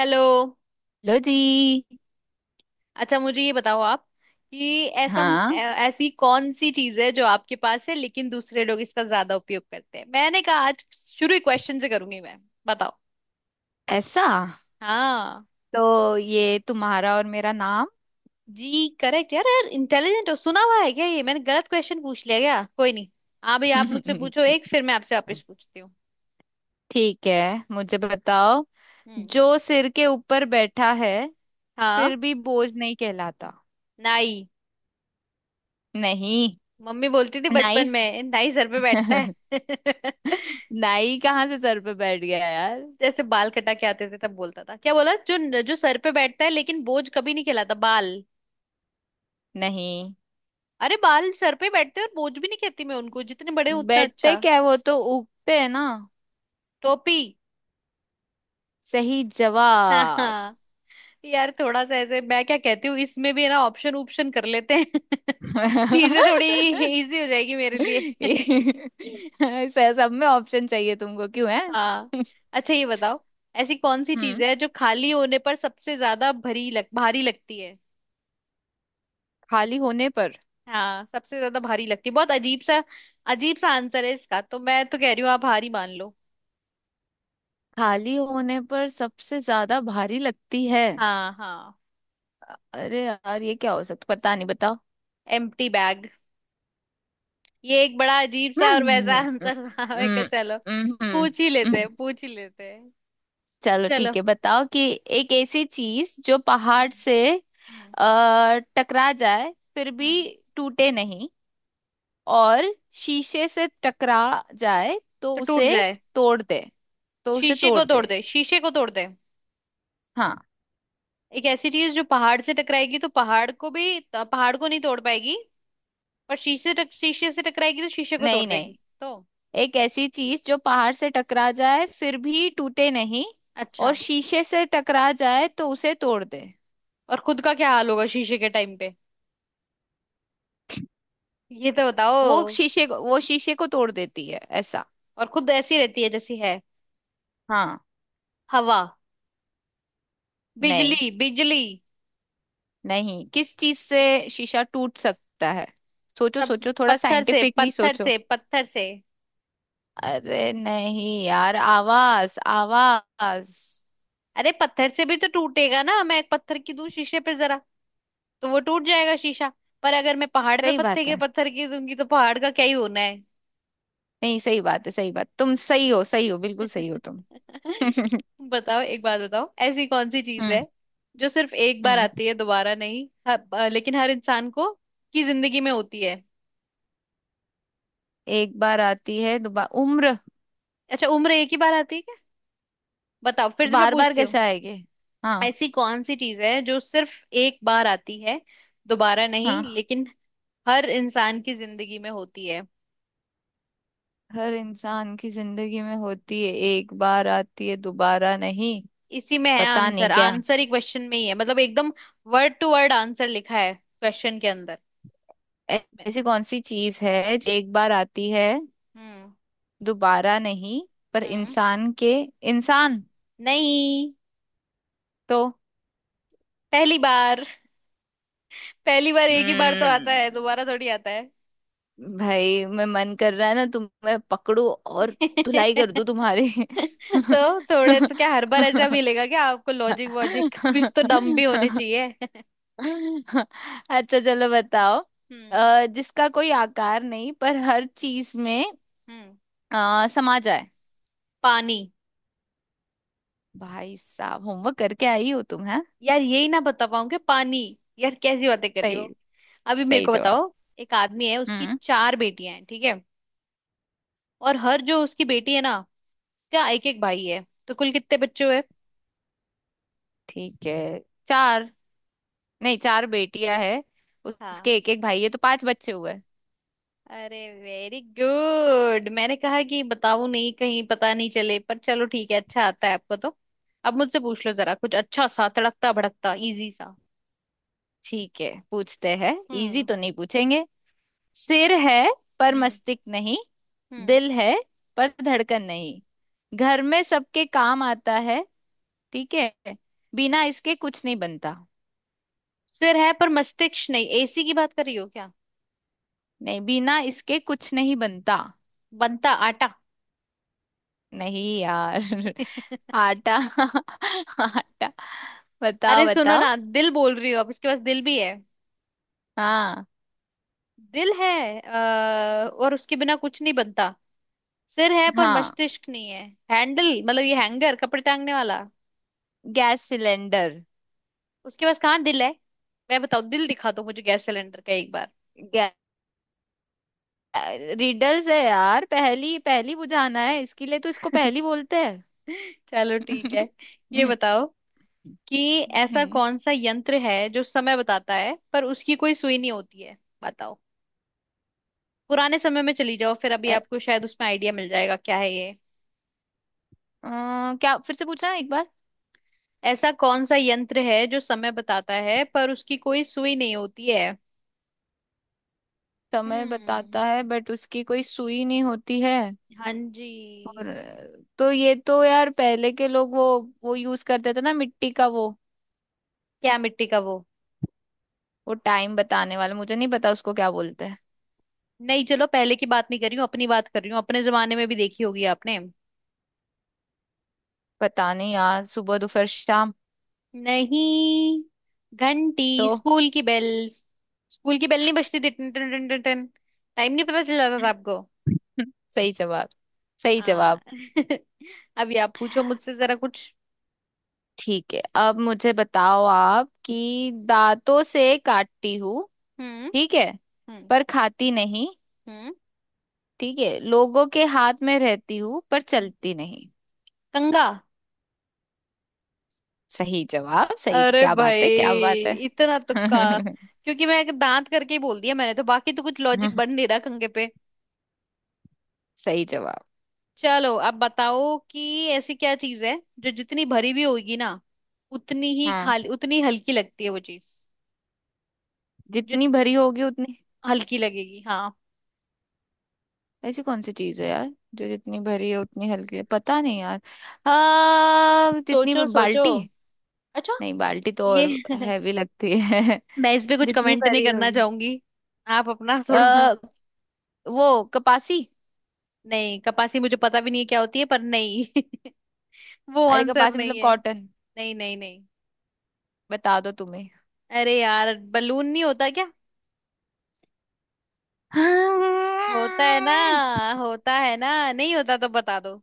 Hello. लो जी। अच्छा मुझे ये बताओ आप कि हाँ, ऐसी कौन सी चीज है जो आपके पास है लेकिन दूसरे लोग इसका ज्यादा उपयोग करते हैं। मैंने कहा आज शुरू ही क्वेश्चन से करूंगी मैं। बताओ। ऐसा हाँ तो ये तुम्हारा और मेरा नाम। जी, करेक्ट। यार यार, इंटेलिजेंट हो, सुना हुआ है क्या। ये मैंने गलत क्वेश्चन पूछ लिया क्या। कोई नहीं। हाँ भाई, आप मुझसे पूछो एक, फिर मैं आपसे वापस पूछती हूँ। ठीक है, मुझे बताओ, हम्म। जो सिर के ऊपर बैठा है हाँ। फिर भी बोझ नहीं कहलाता। नाई। नहीं। मम्मी बोलती थी बचपन नाइस। में नाई सर पे बैठता है। नाई कहाँ से सर पे बैठ गया यार। जैसे बाल कटा के आते थे तब बोलता था, क्या बोला, जो जो सर पे बैठता है लेकिन बोझ कभी नहीं कहलाता, बाल। नहीं, अरे बाल सर पे बैठते हैं और बोझ भी नहीं कहती मैं उनको, जितने बड़े हों उतना बैठते अच्छा। क्या है, वो तो उगते है ना। टोपी। सही हाँ जवाब। हाँ। यार थोड़ा सा ऐसे मैं क्या कहती हूँ, इसमें भी है ना, ऑप्शन ऑप्शन कर लेते हैं। चीजें थोड़ी इजी हो जाएगी मेरे लिए। ये- सब में ऑप्शन चाहिए तुमको क्यों है। हाँ। अच्छा ये बताओ, ऐसी कौन सी चीज हम्म है जो खाली होने पर सबसे ज्यादा भरी लग भारी लगती है। खाली होने पर। हाँ, सबसे ज्यादा भारी लगती है। बहुत अजीब सा आंसर है इसका, तो मैं तो कह रही हूँ आप हारी मान लो। खाली होने पर सबसे ज्यादा भारी लगती है। हाँ हाँ। अरे यार, ये क्या हो सकता, पता नहीं, बताओ। Empty bag. ये एक बड़ा अजीब सा और वैसा हम्म, आंसर था, मैं कहा हम्म, चलो हम्म, पूछ ही लेते हम्म। हैं पूछ ही लेते हैं। चलो चलो। ठीक है, बताओ कि एक ऐसी चीज जो पहाड़ हम्म। से हम्म। टकरा जाए फिर भी हम्म। टूटे नहीं, और शीशे से टकरा जाए तो तो टूट उसे जाए। तोड़ दे। तो उसे शीशे को तोड़ तोड़ दे। दे, शीशे को तोड़ दे। हाँ। एक ऐसी चीज जो पहाड़ से टकराएगी तो पहाड़ को भी तो पहाड़ को नहीं तोड़ पाएगी। पर शीशे से टकराएगी तो शीशे को तोड़ नहीं नहीं, देगी। तो। एक ऐसी चीज जो पहाड़ से टकरा जाए फिर भी टूटे नहीं, अच्छा। और शीशे से टकरा जाए तो उसे तोड़ दे। और खुद का क्या हाल होगा शीशे के टाइम पे, ये तो वो बताओ। शीशे को वो शीशे को तोड़ देती है ऐसा। और खुद ऐसी रहती है जैसी है। हाँ। हवा। नहीं बिजली बिजली। नहीं, किस चीज से शीशा टूट सकता है? सोचो सब। सोचो, थोड़ा पत्थर से, साइंटिफिकली पत्थर सोचो। से, पत्थर से। अरे नहीं यार, आवाज आवाज। अरे पत्थर से भी तो टूटेगा ना, मैं एक पत्थर की दूं शीशे पे जरा तो वो टूट जाएगा शीशा। पर अगर मैं पहाड़ पे सही बात है। पत्थर की दूंगी तो पहाड़ का क्या ही होना है। नहीं, सही बात है, सही बात, तुम सही हो, सही हो, बिल्कुल सही हो तुम। बताओ, एक बात बताओ, ऐसी कौन सी चीज है हम्म जो सिर्फ एक बार हम्म। आती है, दोबारा नहीं, लेकिन हर इंसान को की जिंदगी में होती है। एक बार आती है दोबारा उम्र। अच्छा, उम्र एक ही बार आती है क्या। बताओ, तो फिर से मैं बार बार पूछती हूँ। कैसे आएंगे। हाँ ऐसी कौन सी चीज है जो सिर्फ एक बार आती है दोबारा नहीं, हाँ, लेकिन हर इंसान की जिंदगी में होती है। हर इंसान की जिंदगी में होती है, एक बार आती है दोबारा नहीं। इसी में है पता नहीं आंसर, क्या। आंसर ही क्वेश्चन में ही है, मतलब एकदम वर्ड टू वर्ड आंसर लिखा है क्वेश्चन के अंदर। ऐ- ऐसी कौन सी चीज है जो एक बार आती है हम्म। दोबारा नहीं, पर हम्म। इंसान के इंसान नहीं। तो। पहली बार। पहली बार एक ही बार तो आता हम्म, है, दोबारा थोड़ी आता है। भाई, मैं मन कर रहा है ना तुम्हें पकड़ू और धुलाई कर दूं तुम्हारी। तो थोड़े तो क्या हर बार ऐसा मिलेगा क्या आपको, लॉजिक वॉजिक कुछ तो दम भी होने चाहिए। अच्छा, चलो बताओ, हम्म। जिसका कोई आकार नहीं पर हर चीज में हम्म। समा जाए। पानी। भाई साहब, होमवर्क करके आई हो तुम है। यार यही ना बता पाऊँ कि पानी, यार कैसी बातें कर रही सही, हो। अभी मेरे सही को जवाब। बताओ, एक आदमी है उसकी हम्म, चार बेटियां हैं, ठीक है, और हर जो उसकी बेटी है ना, क्या एक एक भाई है, तो कुल कितने बच्चे हुए। ठीक है। चार। नहीं, चार बेटियां है, हाँ। उसके एक एक भाई है तो पांच बच्चे हुए। अरे वेरी गुड, मैंने कहा कि बताऊं नहीं कहीं पता नहीं चले, पर चलो ठीक है, अच्छा आता है आपको तो। अब मुझसे पूछ लो जरा कुछ अच्छा सा तड़कता भड़कता इजी सा। ठीक है, पूछते हैं, इजी हम्म। तो नहीं पूछेंगे। सिर है पर हम्म। मस्तिष्क नहीं, हम्म। दिल है पर धड़कन नहीं, घर में सबके काम आता है, ठीक है, बिना इसके कुछ नहीं बनता। सिर है पर मस्तिष्क नहीं, एसी की बात कर रही हो क्या। नहीं, बिना इसके कुछ नहीं बनता। बनता आटा। नहीं यार। आटा। आटा। अरे बताओ सुनो बताओ। ना, दिल बोल रही हो, अब इसके पास दिल भी है। हाँ दिल है और उसके बिना कुछ नहीं बनता। सिर है पर हाँ, मस्तिष्क नहीं है। हैंडल मतलब ये हैंगर, कपड़े टांगने वाला। Gas cylinder. उसके पास कहाँ दिल है, मैं बताओ दिल दिखा दो मुझे गैस सिलेंडर का एक बार। गै... रीडर्स है यार, पहली पहली बुझाना है इसके लिए, तो इसको पहली बोलते हैं। चलो ठीक है। ये बताओ कि ऐसा हम्म कौन सा यंत्र है जो समय बताता है पर उसकी कोई सुई नहीं होती है। बताओ। पुराने समय में चली जाओ, फिर अभी ए- आपको शायद उसमें आइडिया मिल जाएगा क्या है। क्या, फिर से पूछना एक बार। ऐसा कौन सा यंत्र है जो समय बताता है पर उसकी कोई सुई नहीं होती है। समय हम्म। बताता है बट उसकी कोई सुई नहीं होती है, हाँ जी। और तो ये तो यार, पहले के लोग वो यूज करते थे ना मिट्टी का वो क्या मिट्टी का वो। वो टाइम बताने वाला, मुझे नहीं पता उसको क्या बोलते हैं। नहीं, चलो पहले की बात नहीं कर रही हूँ, अपनी बात कर रही हूँ, अपने जमाने में भी देखी होगी आपने। पता नहीं यार, सुबह दोपहर शाम नहीं। घंटी, तो। स्कूल की बेल। स्कूल की बेल नहीं बजती थी टन टन टन टन टन, टाइम नहीं पता चल जाता था आपको। सही जवाब, सही हाँ। जवाब। अभी आप पूछो मुझसे जरा कुछ। ठीक है, अब मुझे बताओ आप, कि दांतों से काटती हूँ, हम्म। ठीक है, हम्म। पर खाती नहीं, हम्म। ठीक है, लोगों के हाथ में रहती हूँ पर चलती नहीं। कंगा। सही जवाब, सही, अरे क्या भाई, बात है, क्या बात है। इतना तुक्का, क्योंकि मैं एक दांत करके ही बोल दिया मैंने तो, बाकी तो कुछ लॉजिक बन नहीं रहा कंगे पे। सही जवाब। चलो अब बताओ कि ऐसी क्या चीज है जो जितनी भरी हुई होगी ना, उतनी ही हाँ, खाली उतनी हल्की लगती है वो चीज। जित जितनी भरी होगी उतनी। हल्की लगेगी, हाँ। ऐसी कौन सी चीज है यार, जो जितनी भरी है उतनी हल्की है, पता नहीं यार। हाँ, जितनी सोचो सोचो। बाल्टी। अच्छा, नहीं, बाल्टी तो ये। और हैवी लगती है। मैं इस पे कुछ जितनी कमेंट नहीं भरी करना होगी चाहूंगी, आप अपना थोड़ा। आ, वो कपासी। नहीं कपासी मुझे पता भी नहीं है क्या होती है, पर नहीं। वो अरे, आंसर कपासी नहीं मतलब है। कॉटन, नहीं नहीं नहीं। बता दो तुम्हें। अरे यार बलून नहीं होता क्या, हाँ। होता है ना, होता है ना, नहीं होता तो बता दो।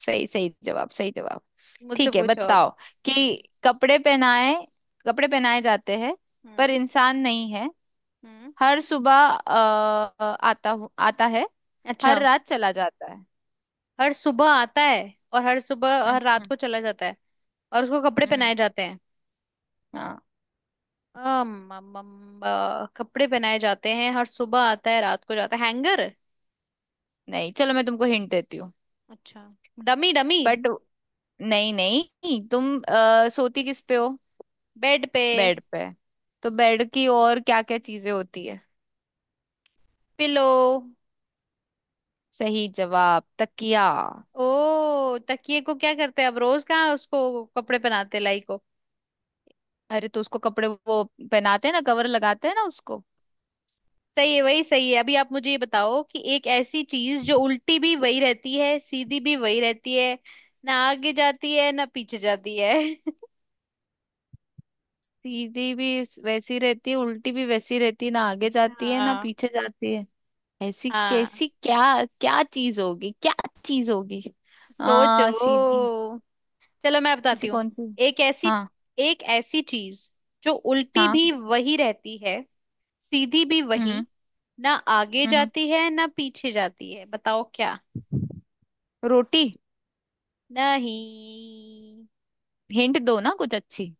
सही, सही जवाब, सही जवाब। मुझसे ठीक है, पूछो अब। बताओ कि हम्म। कपड़े पहनाए कपड़े पहनाए जाते हैं, पर हम्म। इंसान नहीं है, हम्म। हर सुबह अ, आता है, अच्छा, हर रात चला जाता है। हर सुबह आता है और हर सुबह हम्म हर रात हम्म को चला जाता है, और उसको कपड़े हम्म। पहनाए जाते हैं। हाँ। अम, अम, अम, अ, कपड़े पहनाए जाते हैं, हर सुबह आता है रात को जाता है, हैंगर। नहीं, चलो मैं तुमको हिंट देती हूँ। अच्छा, डमी डमी। बट नहीं नहीं, तुम सोती किस पे हो? बेड पे। बेड पे। तो बेड की और क्या क्या चीजें होती है? पिलो। सही जवाब, तकिया। ओ तकिए को क्या करते हैं अब रोज, कहाँ उसको कपड़े पहनाते हैं लाई को। अरे, तो उसको कपड़े वो पहनाते हैं ना, कवर लगाते हैं ना उसको। सही है, वही सही है। अभी आप मुझे ये बताओ कि एक ऐसी चीज जो उल्टी भी वही रहती है सीधी भी वही रहती है, ना आगे जाती है ना पीछे जाती है। सीधी भी वैसी रहती है, उल्टी भी वैसी रहती है, ना आगे जाती है ना हाँ पीछे जाती है। ऐसी हाँ। कैसी क्या? क्या चीज होगी, क्या चीज होगी? सोचो। आ सीधी। चलो मैं ऐसी बताती हूँ। कौन सी? एक ऐसी हाँ एक ऐसी चीज जो उल्टी हाँ। भी वही रहती है सीधी भी वही, हम्म ना आगे हम्म हम्म। जाती है ना पीछे जाती है, बताओ क्या। रोटी? नहीं। हिंट दो ना कुछ अच्छी।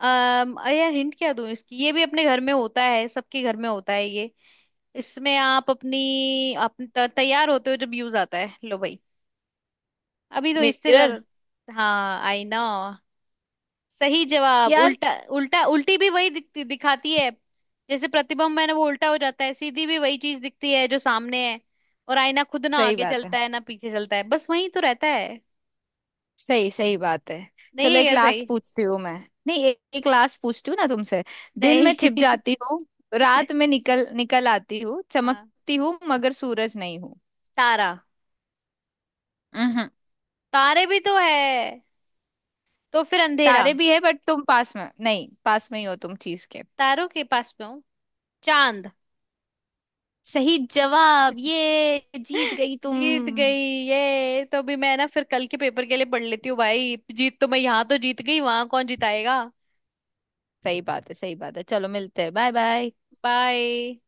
अम अरे यार हिंट क्या दूं इसकी, ये भी अपने घर में होता है, सबके घर में होता है ये। इसमें आप अपनी आप तैयार होते हो जब यूज आता है, लो भाई। अभी तो इससे मिरर। ज्यादा। हाँ आई नो। सही जवाब, यार, उल्टा उल्टा, उल्टी भी वही दिखती दिखाती है। जैसे प्रतिबिंब है ना वो उल्टा हो जाता है, सीधी भी वही चीज दिखती है जो सामने है। और आईना खुद ना सही आगे बात है, चलता है ना पीछे चलता है, बस वही तो रहता है। सही सही बात है। नहीं चलो है एक क्या सही। लास्ट पूछती हूँ मैं। नहीं, एक लास्ट पूछती हूँ ना तुमसे। दिन में नहीं। छिप जाती हूँ, रात में निकल निकल आती हूँ, हाँ। चमकती हूँ मगर सूरज नहीं हूँ। तारा। हम्म हम्म। तारे भी तो है, तो फिर अंधेरा। तारे भी है, बट तुम पास में नहीं, पास में ही हो तुम चीज के। तारों के पास में हूँ। चांद। सही जवाब, ये जीत गई तुम। जीत गई। ये तो अभी मैं ना फिर कल के पेपर के लिए पढ़ लेती हूँ भाई, जीत तो मैं यहाँ तो जीत गई, वहां कौन जिताएगा। सही बात है, सही बात है, चलो मिलते हैं। Bye bye. बाय।